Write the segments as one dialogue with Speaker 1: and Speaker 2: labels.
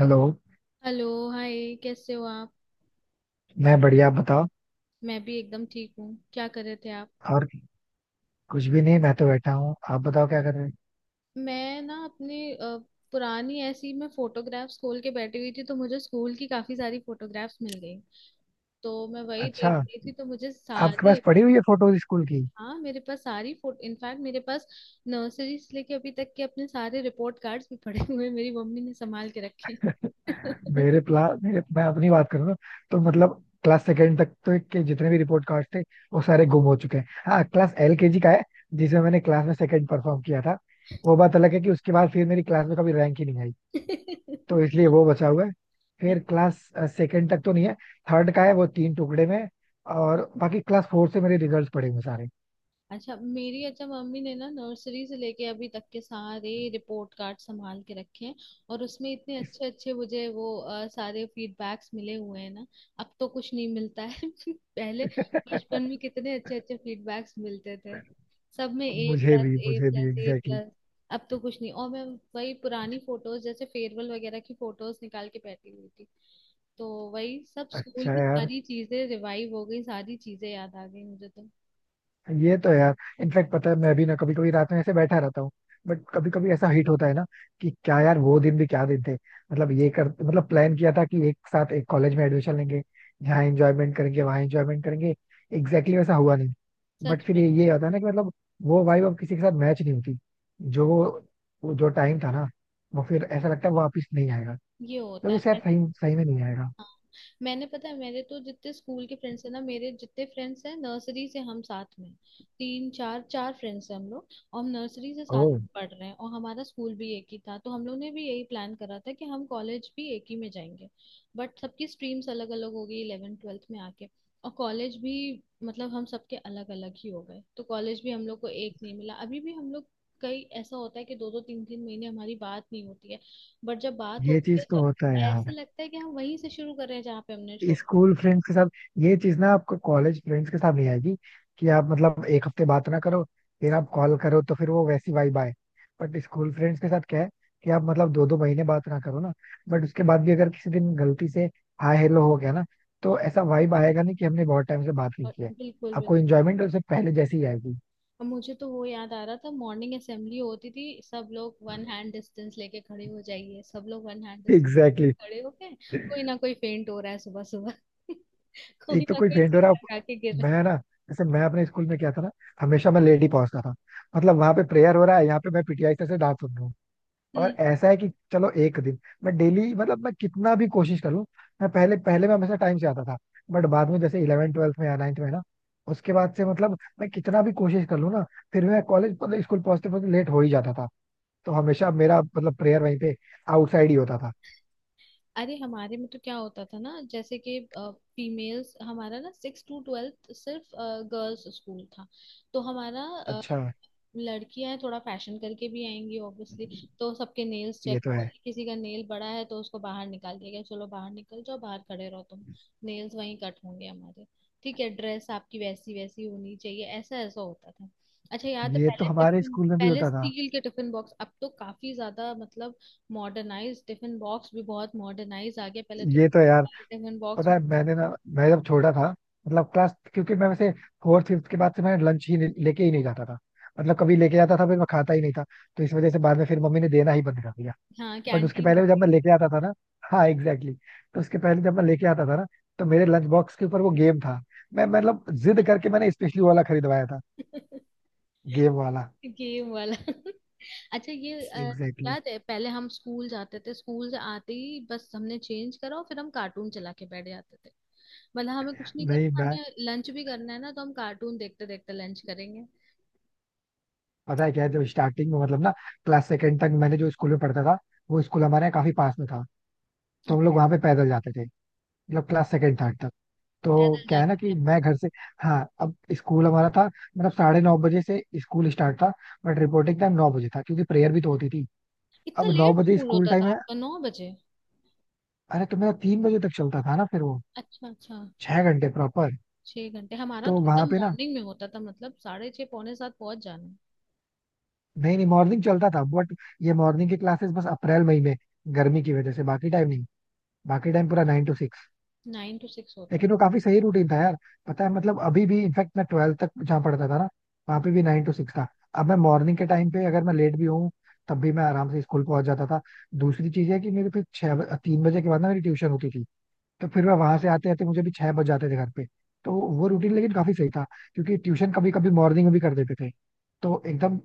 Speaker 1: Hello.
Speaker 2: Hello, hi, कैसे हो आप।
Speaker 1: मैं बढ़िया, आप बताओ।
Speaker 2: मैं भी एकदम ठीक हूँ। क्या कर रहे थे आप।
Speaker 1: और कुछ भी नहीं, मैं तो बैठा हूँ, आप बताओ क्या कर रहे हैं।
Speaker 2: मैं ना अपनी पुरानी ऐसी मैं फोटोग्राफ्स खोल के बैठी हुई थी तो मुझे स्कूल की काफी सारी फोटोग्राफ्स मिल गई। तो मैं वही
Speaker 1: अच्छा,
Speaker 2: देख रही थी तो मुझे
Speaker 1: आपके
Speaker 2: सारी।
Speaker 1: पास पड़ी हुई है फोटोज स्कूल की।
Speaker 2: हाँ, मेरे पास सारी फोटो, इनफैक्ट मेरे पास नर्सरी से लेके अभी तक के अपने सारे रिपोर्ट कार्ड्स भी पड़े हुए हैं, मेरी मम्मी ने संभाल के रखे
Speaker 1: मेरे प्ला मेरे मैं अपनी बात करूँ ना, तो मतलब क्लास सेकेंड तक तो के जितने भी रिपोर्ट कार्ड थे वो सारे गुम हो चुके हैं। हाँ, क्लास एलकेजी का है जिसमें मैंने क्लास में सेकंड परफॉर्म किया था। वो बात अलग है कि उसके बाद फिर मेरी क्लास में कभी रैंक ही नहीं आई, तो इसलिए वो बचा हुआ है।
Speaker 2: हैं।
Speaker 1: फिर क्लास सेकंड तक तो नहीं है, थर्ड का है, वो तीन टुकड़े में है, और बाकी क्लास फोर से मेरे रिजल्ट पड़े हुए हैं सारे।
Speaker 2: अच्छा, मेरी अच्छा मम्मी ने ना नर्सरी से लेके अभी तक के सारे रिपोर्ट कार्ड संभाल के रखे हैं। और उसमें इतने अच्छे अच्छे मुझे वो सारे फीडबैक्स मिले हुए हैं ना। अब तो कुछ नहीं मिलता है पहले बचपन में कितने अच्छे अच्छे फीडबैक्स मिलते थे। सब में ए
Speaker 1: मुझे
Speaker 2: प्लस
Speaker 1: भी
Speaker 2: ए
Speaker 1: मुझे भी
Speaker 2: plus A
Speaker 1: exactly exactly.
Speaker 2: Plus अब तो कुछ नहीं, और मैं वही पुरानी फोटोज जैसे फेयरवेल वगैरह की फोटोज निकाल के बैठी हुई थी। तो वही सब स्कूल
Speaker 1: अच्छा
Speaker 2: की
Speaker 1: यार,
Speaker 2: सारी चीजें रिवाइव हो गई, सारी चीजें याद आ गई मुझे तो।
Speaker 1: ये तो यार, इनफैक्ट पता है, मैं भी ना कभी कभी रात में ऐसे बैठा रहता हूँ। बट कभी कभी ऐसा हिट होता है ना, कि क्या यार, वो दिन भी क्या दिन थे। मतलब ये कर मतलब प्लान किया था कि एक साथ एक कॉलेज में एडमिशन लेंगे, यहाँ एंजॉयमेंट करेंगे, वहाँ एंजॉयमेंट करेंगे। एग्जैक्टली वैसा हुआ नहीं। बट
Speaker 2: सच
Speaker 1: फिर
Speaker 2: में,
Speaker 1: ये होता है ना कि मतलब वो वाइब अब किसी के साथ मैच नहीं होती। जो टाइम था ना, वो फिर ऐसा लगता है वापिस नहीं आएगा,
Speaker 2: ये होता
Speaker 1: क्योंकि
Speaker 2: है।
Speaker 1: शायद
Speaker 2: मैंने,
Speaker 1: सही सही में नहीं आएगा।
Speaker 2: हाँ, मैंने पता है मेरे तो जितने स्कूल के फ्रेंड्स हैं ना, मेरे जितने फ्रेंड्स हैं नर्सरी से हम साथ में। तीन चार चार फ्रेंड्स हैं हम लोग। और हम नर्सरी से साथ
Speaker 1: ओह,
Speaker 2: में पढ़ रहे हैं, और हमारा स्कूल भी एक ही था तो हम लोग ने भी यही प्लान करा था कि हम कॉलेज भी एक ही में जाएंगे। बट सबकी स्ट्रीम्स अलग अलग हो गई इलेवेंथ ट्वेल्थ में आके। और कॉलेज भी मतलब हम सबके अलग अलग ही हो गए तो कॉलेज भी हम लोग को एक नहीं मिला। अभी भी हम लोग कई ऐसा होता है कि दो दो तीन तीन महीने हमारी बात नहीं होती है। बट जब बात
Speaker 1: ये
Speaker 2: होती है
Speaker 1: चीज तो होता है
Speaker 2: तो ऐसे
Speaker 1: यार।
Speaker 2: लगता है कि हम वहीं से शुरू कर रहे हैं जहाँ पे हमने छोड़ा।
Speaker 1: स्कूल फ्रेंड्स के साथ ये चीज ना आपको कॉलेज फ्रेंड्स के साथ नहीं आएगी, कि आप मतलब एक हफ्ते बात ना करो, फिर आप कॉल करो तो फिर वो वैसी वाइब आए। बट स्कूल फ्रेंड्स के साथ क्या है कि आप मतलब दो दो महीने बात ना करो ना, बट उसके बाद भी अगर किसी दिन गलती से हाय हेलो हो गया ना, तो ऐसा वाइब आएगा नहीं कि हमने बहुत टाइम से बात नहीं
Speaker 2: और
Speaker 1: की है।
Speaker 2: बिल्कुल बिल्कुल।
Speaker 1: आपको इंजॉयमेंट उससे पहले जैसी ही आएगी।
Speaker 2: अब मुझे तो वो याद आ रहा था, मॉर्निंग असेंबली होती थी, सब लोग वन हैंड डिस्टेंस लेके खड़े हो जाइए, सब लोग वन हैंड डिस्टेंस लेके
Speaker 1: एग्जैक्टली।
Speaker 2: खड़े हो गए। कोई ना कोई फेंट हो रहा है सुबह सुबह कोई
Speaker 1: एक तो
Speaker 2: ना
Speaker 1: कोई
Speaker 2: कोई
Speaker 1: फेंट हो रहा है,
Speaker 2: चक्कर खा के गिर रहा
Speaker 1: मैं ना, जैसे मैं अपने स्कूल में क्या था ना, हमेशा मैं लेट ही पहुंचता था। मतलब वहां पे प्रेयर हो रहा है, यहाँ पे मैं पीटीआई सर से डांट सुन रहा हूँ।
Speaker 2: है। हम्म।
Speaker 1: और ऐसा है कि चलो एक दिन मैं डेली मतलब मैं कितना भी कोशिश कर लूं, मैं पहले पहले मैं हमेशा टाइम से आता था। बट बाद में जैसे 11th 12th में या नाइन्थ में ना, उसके बाद से मतलब मैं कितना भी कोशिश कर लूं ना, फिर मैं कॉलेज मतलब स्कूल पहुंचते पहुंचते लेट हो ही जाता था। तो हमेशा मेरा मतलब प्रेयर वहीं पे आउटसाइड ही होता था।
Speaker 2: अरे हमारे में तो क्या होता था ना, जैसे कि फीमेल्स, हमारा ना सिक्स टू ट्वेल्थ सिर्फ गर्ल्स स्कूल था। तो हमारा
Speaker 1: अच्छा,
Speaker 2: लड़कियां थोड़ा फैशन करके भी आएंगी ऑब्वियसली। तो सबके नेल्स
Speaker 1: ये
Speaker 2: चेक
Speaker 1: तो है।
Speaker 2: होंगे, किसी का नेल बड़ा है तो उसको बाहर निकाल दिया गया, चलो बाहर निकल जाओ बाहर खड़े रहो तुम। नेल्स वहीं कट होंगे हमारे। ठीक है, ड्रेस आपकी वैसी वैसी होनी चाहिए, ऐसा ऐसा होता था। अच्छा याद है
Speaker 1: ये तो
Speaker 2: पहले
Speaker 1: हमारे
Speaker 2: टिफिन,
Speaker 1: स्कूल में भी
Speaker 2: पहले
Speaker 1: होता था।
Speaker 2: स्टील के टिफिन बॉक्स, अब तो काफी ज्यादा मतलब मॉडर्नाइज, टिफिन बॉक्स भी बहुत मॉडर्नाइज आ गया, पहले तो
Speaker 1: ये तो यार,
Speaker 2: टिफिन बॉक्स।
Speaker 1: पता है मैंने ना, मैं जब छोटा था मतलब क्लास, क्योंकि मैं वैसे फोर्थ फिफ्थ के बाद से मैं लंच ही नहीं- लेके ही नहीं जाता था। मतलब कभी लेके जाता था फिर मैं खाता ही नहीं था, तो इस वजह से बाद में फिर मम्मी ने देना ही बंद कर दिया।
Speaker 2: हाँ
Speaker 1: बट उसके
Speaker 2: कैंटीन
Speaker 1: पहले जब मैं लेके आता था ना, हाँ एग्जैक्टली exactly, तो उसके पहले जब मैं लेके आता था ना, तो मेरे लंच बॉक्स के ऊपर वो गेम था, मैं मतलब जिद करके मैंने स्पेशली वाला खरीदवाया था, गेम वाला।
Speaker 2: गेम वाला अच्छा ये
Speaker 1: एग्जैक्टली
Speaker 2: याद है पहले हम स्कूल जाते थे, स्कूल से आते ही बस हमने चेंज करा और फिर हम कार्टून चला के बैठ जाते थे। मतलब हमें कुछ नहीं
Speaker 1: exactly. नहीं
Speaker 2: करना,
Speaker 1: मैं,
Speaker 2: हमने लंच भी करना है ना तो हम कार्टून देखते देखते लंच करेंगे।
Speaker 1: पता है क्या है, जब स्टार्टिंग में मतलब ना, क्लास सेकंड तक मैंने जो स्कूल में पढ़ता था, वो स्कूल हमारे यहाँ काफी पास में था, तो हम लोग वहां पे पैदल जाते थे मतलब क्लास सेकंड थर्ड तक, तो
Speaker 2: पैदल
Speaker 1: क्या है ना
Speaker 2: जाते थे
Speaker 1: कि
Speaker 2: आप
Speaker 1: मैं
Speaker 2: लोग।
Speaker 1: घर से, हाँ, अब स्कूल हमारा था मतलब 9:30 बजे से स्कूल स्टार्ट था, बट रिपोर्टिंग टाइम 9 बजे था क्योंकि प्रेयर भी तो होती थी।
Speaker 2: इतना
Speaker 1: अब नौ
Speaker 2: लेट
Speaker 1: बजे
Speaker 2: स्कूल
Speaker 1: स्कूल
Speaker 2: होता
Speaker 1: टाइम
Speaker 2: था
Speaker 1: है।
Speaker 2: आपका, 9 बजे।
Speaker 1: अरे तो मेरा 3 बजे तक चलता था ना, फिर वो
Speaker 2: अच्छा अच्छा।
Speaker 1: 6 घंटे प्रॉपर।
Speaker 2: छह घंटे हमारा
Speaker 1: तो
Speaker 2: तो
Speaker 1: वहां
Speaker 2: एकदम
Speaker 1: पे ना,
Speaker 2: मॉर्निंग में होता था, मतलब साढ़े 6 पौने 7 पहुंच जाना।
Speaker 1: नहीं नहीं, मॉर्निंग चलता था, बट ये मॉर्निंग की क्लासेस बस अप्रैल मई में, गर्मी की वजह से, बाकी टाइम नहीं। बाकी टाइम पूरा nine to.
Speaker 2: Nine to six होता।
Speaker 1: लेकिन वो काफी सही रूटीन था यार। पता है, मतलब अभी भी इनफैक्ट मैं 12th तक जहाँ पढ़ता था ना, वहाँ पे भी 9 to 6 था। अब मैं मॉर्निंग के टाइम पे अगर मैं लेट भी हूँ, तब भी मैं आराम से स्कूल पहुंच जाता था। दूसरी चीज है कि मेरे फिर छह 3 बजे के बाद ना मेरी ट्यूशन होती थी, तो फिर मैं वहां से आते आते मुझे भी 6 बज जाते थे घर पे। तो वो रूटीन लेकिन काफी सही था, क्योंकि ट्यूशन कभी कभी मॉर्निंग में भी कर देते थे, तो एकदम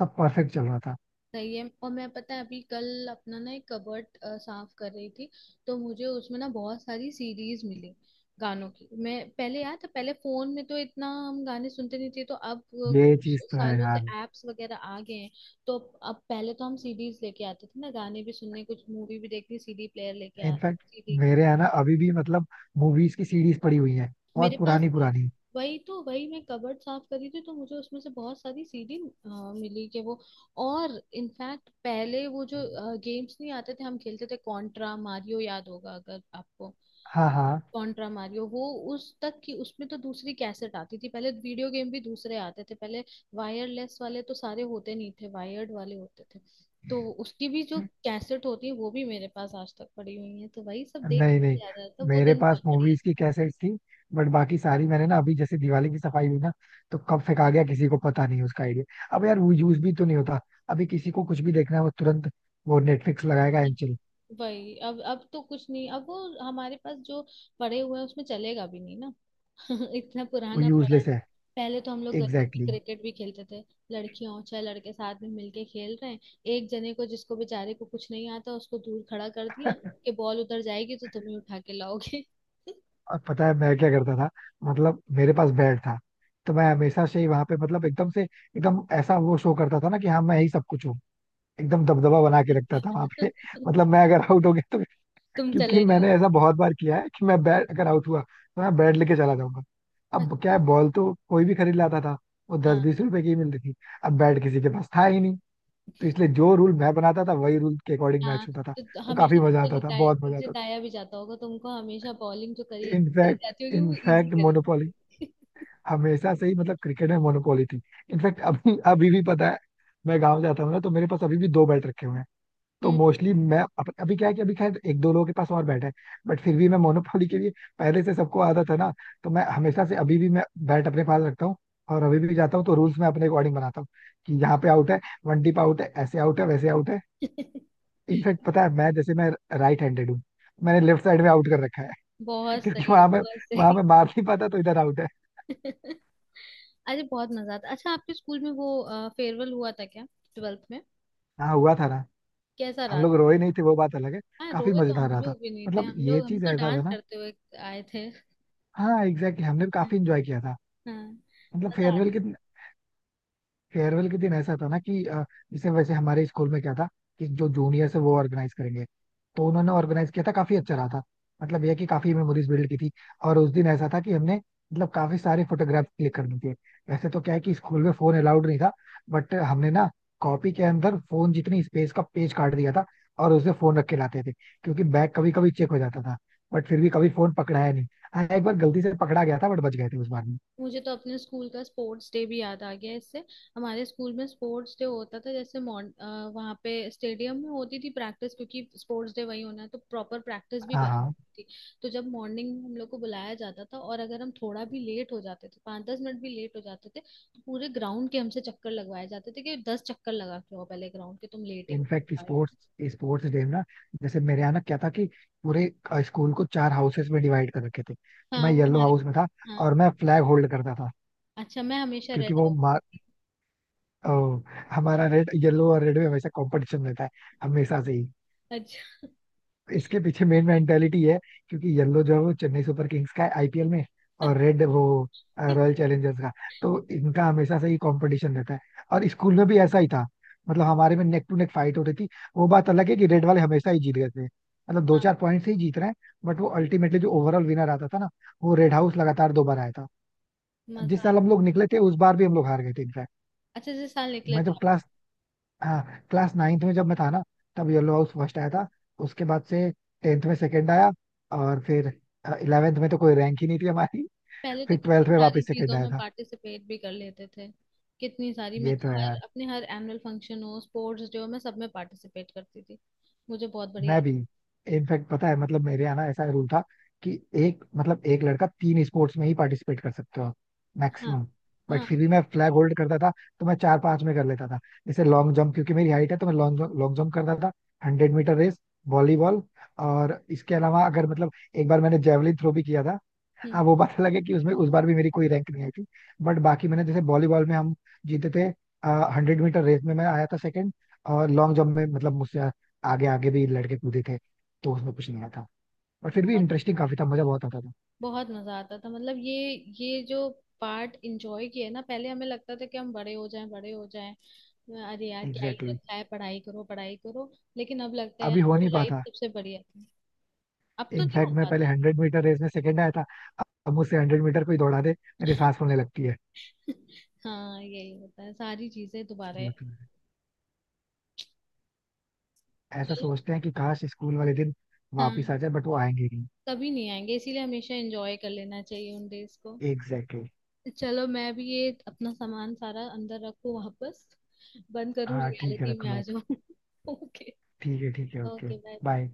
Speaker 1: सब परफेक्ट चल रहा था।
Speaker 2: सही है। और मैं पता है अभी कल अपना ना एक कबर्ट साफ कर रही थी, तो मुझे उसमें ना बहुत सारी सीरीज मिली गानों की। मैं पहले याद है पहले फोन में तो इतना हम गाने सुनते नहीं थे तो
Speaker 1: ये चीज तो है
Speaker 2: सालों से
Speaker 1: यार।
Speaker 2: एप्स वगैरह आ गए हैं। तो अब पहले तो हम सीडीज लेके आते थे ना गाने भी सुनने, कुछ मूवी भी देखनी सीडी प्लेयर लेके आ
Speaker 1: इनफैक्ट
Speaker 2: सीडी।
Speaker 1: मेरे यहाँ ना अभी भी मतलब मूवीज की सीरीज पड़ी हुई है
Speaker 2: मेरे
Speaker 1: बहुत
Speaker 2: पास
Speaker 1: पुरानी पुरानी।
Speaker 2: वही तो, वही मैं कबर्ड साफ करी थी तो मुझे उसमें से बहुत सारी सीडी अ, मिली के वो। और इनफैक्ट पहले वो जो गेम्स नहीं आते थे हम खेलते थे कॉन्ट्रा मारियो, याद होगा अगर आपको।
Speaker 1: हाँ, हाँ।
Speaker 2: कॉन्ट्रा मारियो वो उस तक की, उसमें तो दूसरी कैसेट आती थी, पहले वीडियो गेम भी दूसरे आते थे पहले। वायरलेस वाले तो सारे होते नहीं थे, वायर्ड वाले होते थे। तो उसकी भी जो कैसेट होती है वो भी मेरे पास आज तक पड़ी हुई है, तो वही सब देख
Speaker 1: नहीं नहीं,
Speaker 2: के याद आता था, वो
Speaker 1: मेरे
Speaker 2: दिन
Speaker 1: पास
Speaker 2: बहुत बढ़िया
Speaker 1: मूवीज
Speaker 2: था।
Speaker 1: की कैसेट्स थी, बट बाकी सारी मैंने ना अभी जैसे दिवाली की सफाई हुई ना, तो कब फेंका गया किसी को पता नहीं उसका आइडिया। अब यार वो यूज भी तो नहीं होता। अभी किसी को कुछ भी देखना है वो तुरंत वो नेटफ्लिक्स लगाएगा एंड चिल।
Speaker 2: वही, अब तो कुछ नहीं, अब वो हमारे पास जो पड़े हुए हैं उसमें चलेगा भी नहीं ना इतना
Speaker 1: वो
Speaker 2: पुराना पड़ा है।
Speaker 1: यूजलेस है।
Speaker 2: पहले तो हम लोग गली में
Speaker 1: एग्जैक्टली exactly.
Speaker 2: क्रिकेट भी खेलते थे। लड़कियां और छह लड़के साथ में मिलके खेल रहे हैं। एक जने को, जिसको बेचारे को कुछ नहीं आता उसको दूर खड़ा कर दिया कि बॉल उधर जाएगी तो तुम्हें उठा के लाओगे
Speaker 1: और पता है मैं क्या करता था, मतलब मेरे पास बेड था, तो मैं हमेशा से ही वहां पे मतलब एकदम से एकदम ऐसा वो शो करता था ना कि हाँ मैं यही सब कुछ हूँ। एकदम दबदबा बना के
Speaker 2: अच्छा
Speaker 1: रखता था वहां पे। मतलब मैं अगर आउट हो गया तो,
Speaker 2: तुम
Speaker 1: क्योंकि
Speaker 2: चले जाओ।
Speaker 1: मैंने ऐसा बहुत बार किया है कि मैं बैट अगर आउट हुआ तो मैं बैट लेके चला जाऊंगा।
Speaker 2: बस,
Speaker 1: अब क्या है, बॉल तो कोई भी खरीद लाता था, वो दस
Speaker 2: हाँ
Speaker 1: बीस रुपए की ही मिलती थी। अब बैट किसी के पास था ही नहीं, तो इसलिए जो रूल मैं बनाता था वही रूल के अकॉर्डिंग मैच
Speaker 2: हाँ।
Speaker 1: होता था।
Speaker 2: तो
Speaker 1: तो काफी
Speaker 2: हमेशा
Speaker 1: मजा
Speaker 2: तुमको
Speaker 1: आता था,
Speaker 2: जिताया,
Speaker 1: बहुत
Speaker 2: फिर
Speaker 1: मजा आता
Speaker 2: जिताया भी जाता होगा तुमको, हमेशा बॉलिंग जो करी
Speaker 1: था।
Speaker 2: करी
Speaker 1: इनफैक्ट
Speaker 2: जाती होगी वो इजी
Speaker 1: इनफैक्ट
Speaker 2: करी
Speaker 1: मोनोपोली,
Speaker 2: जाती
Speaker 1: हमेशा से ही मतलब क्रिकेट में मोनोपोली थी। इनफैक्ट अभी अभी भी पता है, मैं गांव जाता हूँ ना तो मेरे पास अभी भी दो बैट रखे हुए हैं। तो
Speaker 2: होगी।
Speaker 1: मोस्टली मैं अभी क्या है कि अभी खैर एक दो लोगों के पास और बैठा है, बट फिर भी मैं मोनोपोली के लिए, पहले से सबको आदत है ना, तो मैं हमेशा से अभी भी मैं बैट अपने पास रखता हूँ, और अभी भी जाता हूँ तो रूल्स मैं अपने अकॉर्डिंग बनाता हूँ, कि यहाँ पे आउट है, वन टिप आउट है, ऐसे आउट है वैसे आउट है। इनफैक्ट पता है, मैं जैसे मैं राइट हैंडेड हूँ, मैंने लेफ्ट साइड में आउट कर रखा है। क्योंकि वहां में
Speaker 2: बहुत
Speaker 1: वहां
Speaker 2: सही
Speaker 1: में मार नहीं पाता तो इधर आउट है।
Speaker 2: अरे बहुत मजा आता। अच्छा आपके स्कूल में वो फेयरवेल हुआ था क्या ट्वेल्थ में,
Speaker 1: हाँ, हुआ था ना।
Speaker 2: कैसा
Speaker 1: हम
Speaker 2: रहा।
Speaker 1: लोग रोए नहीं थे वो बात अलग है,
Speaker 2: हाँ,
Speaker 1: काफी
Speaker 2: रोए तो
Speaker 1: मजेदार
Speaker 2: हम
Speaker 1: रहा था।
Speaker 2: लोग भी नहीं थे,
Speaker 1: मतलब
Speaker 2: हम
Speaker 1: ये
Speaker 2: लोग हम
Speaker 1: चीज
Speaker 2: तो
Speaker 1: ऐसा था
Speaker 2: डांस
Speaker 1: ना,
Speaker 2: करते हुए आए थे
Speaker 1: हाँ एग्जैक्टली exactly, हमने भी काफी इंजॉय किया था।
Speaker 2: हाँ
Speaker 1: मतलब
Speaker 2: मजा
Speaker 1: फेयरवेल के
Speaker 2: आती।
Speaker 1: फेयरवेल के दिन ऐसा था ना कि जैसे वैसे हमारे स्कूल में क्या था कि जो जूनियर्स है वो ऑर्गेनाइज करेंगे, तो उन्होंने ऑर्गेनाइज किया था, काफी अच्छा रहा था। मतलब यह कि काफी मेमोरीज बिल्ड की थी। और उस दिन ऐसा था कि हमने मतलब काफी सारे फोटोग्राफ क्लिक करने थे। वैसे तो क्या है कि स्कूल में फोन अलाउड नहीं था, बट हमने ना कॉपी के अंदर फोन जितनी स्पेस का पेज काट दिया था और उसमें फोन रख के लाते थे, क्योंकि बैग कभी कभी चेक हो जाता था। बट फिर भी कभी फोन पकड़ाया नहीं। हाँ, एक बार गलती से पकड़ा गया था बट बच गए थे उस बार में।
Speaker 2: मुझे तो अपने स्कूल का स्पोर्ट्स डे भी याद आ गया इससे। हमारे स्कूल में स्पोर्ट्स डे होता था जैसे मॉर्न, वहाँ पे स्टेडियम में होती थी प्रैक्टिस क्योंकि स्पोर्ट्स डे वही होना है तो प्रॉपर प्रैक्टिस भी
Speaker 1: हाँ
Speaker 2: वही
Speaker 1: हाँ।
Speaker 2: होती थी। तो जब मॉर्निंग में हम लोग को बुलाया जाता था और अगर हम थोड़ा भी लेट हो जाते थे, 5-10 मिनट भी लेट हो जाते थे तो पूरे ग्राउंड के हमसे चक्कर लगवाए जाते थे कि 10 चक्कर लगा के आओ पहले ग्राउंड के, तुम लेट
Speaker 1: इनफैक्ट
Speaker 2: आए हो।
Speaker 1: स्पोर्ट्स स्पोर्ट्स डे में ना, जैसे मेरे यहाँ ना क्या था कि पूरे स्कूल को चार हाउसेस में डिवाइड कर रखे थे, तो
Speaker 2: हाँ
Speaker 1: मैं
Speaker 2: वो
Speaker 1: येलो
Speaker 2: हमारे,
Speaker 1: हाउस में था,
Speaker 2: हाँ।
Speaker 1: और मैं फ्लैग होल्ड करता था।
Speaker 2: अच्छा मैं हमेशा
Speaker 1: क्योंकि
Speaker 2: रेड
Speaker 1: वो
Speaker 2: हाउस।
Speaker 1: मा- अ, हमारा रेड येलो, और रेड में हमेशा कंपटीशन रहता है, हमेशा से ही।
Speaker 2: अच्छा
Speaker 1: इसके पीछे मेन मेंटेलिटी है, क्योंकि येलो जो है वो चेन्नई सुपर किंग्स का है आईपीएल में, और रेड वो रॉयल चैलेंजर्स का। तो इनका हमेशा से ही कंपटीशन रहता है, और स्कूल में भी ऐसा ही था। मतलब हमारे में नेक टू नेक फाइट होती थी। वो बात अलग है कि रेड वाले हमेशा ही जीत गए थे, मतलब दो
Speaker 2: हाँ
Speaker 1: चार पॉइंट से ही जीत रहे हैं। बट वो अल्टीमेटली जो ओवरऑल विनर आता था ना, वो रेड हाउस लगातार दो बार आया था।
Speaker 2: मजा
Speaker 1: जिस साल
Speaker 2: आता।
Speaker 1: हम लोग निकले थे उस बार भी हम लोग हार गए थे इनफैक्ट।
Speaker 2: अच्छा जैसे साल निकले
Speaker 1: मैं
Speaker 2: थे
Speaker 1: जब
Speaker 2: आप?
Speaker 1: क्लास, हाँ, क्लास नाइन्थ में जब मैं था ना, तब येलो हाउस फर्स्ट आया था। उसके बाद से 10th में सेकंड आया, और फिर 11th में तो कोई रैंक ही नहीं थी हमारी,
Speaker 2: पहले
Speaker 1: फिर
Speaker 2: तो
Speaker 1: 12th
Speaker 2: कितनी
Speaker 1: में
Speaker 2: सारी
Speaker 1: वापस सेकंड
Speaker 2: चीजों
Speaker 1: आया
Speaker 2: में
Speaker 1: था।
Speaker 2: पार्टिसिपेट भी कर लेते थे। कितनी सारी मैं
Speaker 1: ये तो
Speaker 2: तो हर
Speaker 1: है,
Speaker 2: अपने हर एनुअल फंक्शन हो स्पोर्ट्स डे हो मैं सब में पार्टिसिपेट करती थी, मुझे बहुत बढ़िया
Speaker 1: मैं भी। इनफैक्ट पता है, मतलब मेरे यहाँ ना ऐसा रूल था कि एक मतलब एक लड़का तीन स्पोर्ट्स में ही पार्टिसिपेट कर सकते हो,
Speaker 2: लगता।
Speaker 1: मैक्सिमम।
Speaker 2: हाँ
Speaker 1: बट
Speaker 2: हाँ
Speaker 1: फिर भी मैं फ्लैग होल्ड करता था, तो मैं चार पांच में कर लेता था। जैसे लॉन्ग जंप, क्योंकि मेरी हाइट है तो मैं लॉन्ग लॉन्ग जंप करता था, 100 मीटर रेस, वॉलीबॉल। और इसके अलावा अगर मतलब एक बार मैंने जेवलिन थ्रो भी किया था।
Speaker 2: हम्म,
Speaker 1: हाँ, वो बात अलग है कि उसमें उस बार भी मेरी कोई रैंक नहीं आई थी, बट बाकी मैंने जैसे वॉलीबॉल में हम जीते थे, 100 मीटर रेस में मैं आया था सेकंड, और लॉन्ग जंप में मतलब मुझसे आगे आगे भी लड़के कूदे थे, तो उसमें कुछ नहीं आया था। बट फिर भी
Speaker 2: बहुत
Speaker 1: इंटरेस्टिंग काफी था, मजा बहुत आता था।
Speaker 2: बहुत मजा आता था, मतलब ये जो पार्ट इंजॉय किया है ना, पहले हमें लगता था कि हम बड़े हो जाएं बड़े हो जाएं, अरे यार क्या ही
Speaker 1: एग्जैक्टली exactly.
Speaker 2: रखा है पढ़ाई करो पढ़ाई करो। लेकिन अब लगता है
Speaker 1: अभी
Speaker 2: यार
Speaker 1: हो
Speaker 2: वो
Speaker 1: नहीं
Speaker 2: लाइफ
Speaker 1: पाता।
Speaker 2: सबसे बढ़िया थी। अब तो नहीं हो
Speaker 1: इनफैक्ट मैं पहले
Speaker 2: पाता
Speaker 1: 100 मीटर रेस में सेकंड आया था, अब मुझसे 100 मीटर कोई दौड़ा दे मेरे सांस फूलने लगती है।
Speaker 2: हाँ यही होता है सारी चीजें दोबारा।
Speaker 1: वो तो है। ऐसा
Speaker 2: चलो,
Speaker 1: सोचते हैं कि काश स्कूल वाले दिन
Speaker 2: हाँ
Speaker 1: वापिस आ जाए, बट वो आएंगे ही नहीं।
Speaker 2: कभी नहीं आएंगे इसीलिए हमेशा एंजॉय कर लेना चाहिए उन डेज को।
Speaker 1: Exactly exactly.
Speaker 2: चलो मैं भी ये अपना सामान सारा अंदर रखूं वापस, बंद करूं
Speaker 1: हाँ ठीक है,
Speaker 2: रियलिटी
Speaker 1: रख
Speaker 2: में
Speaker 1: लो
Speaker 2: आ
Speaker 1: आप।
Speaker 2: जाऊं ओके,
Speaker 1: ठीक है, ठीक है, ओके,
Speaker 2: ओके बाय।
Speaker 1: बाय।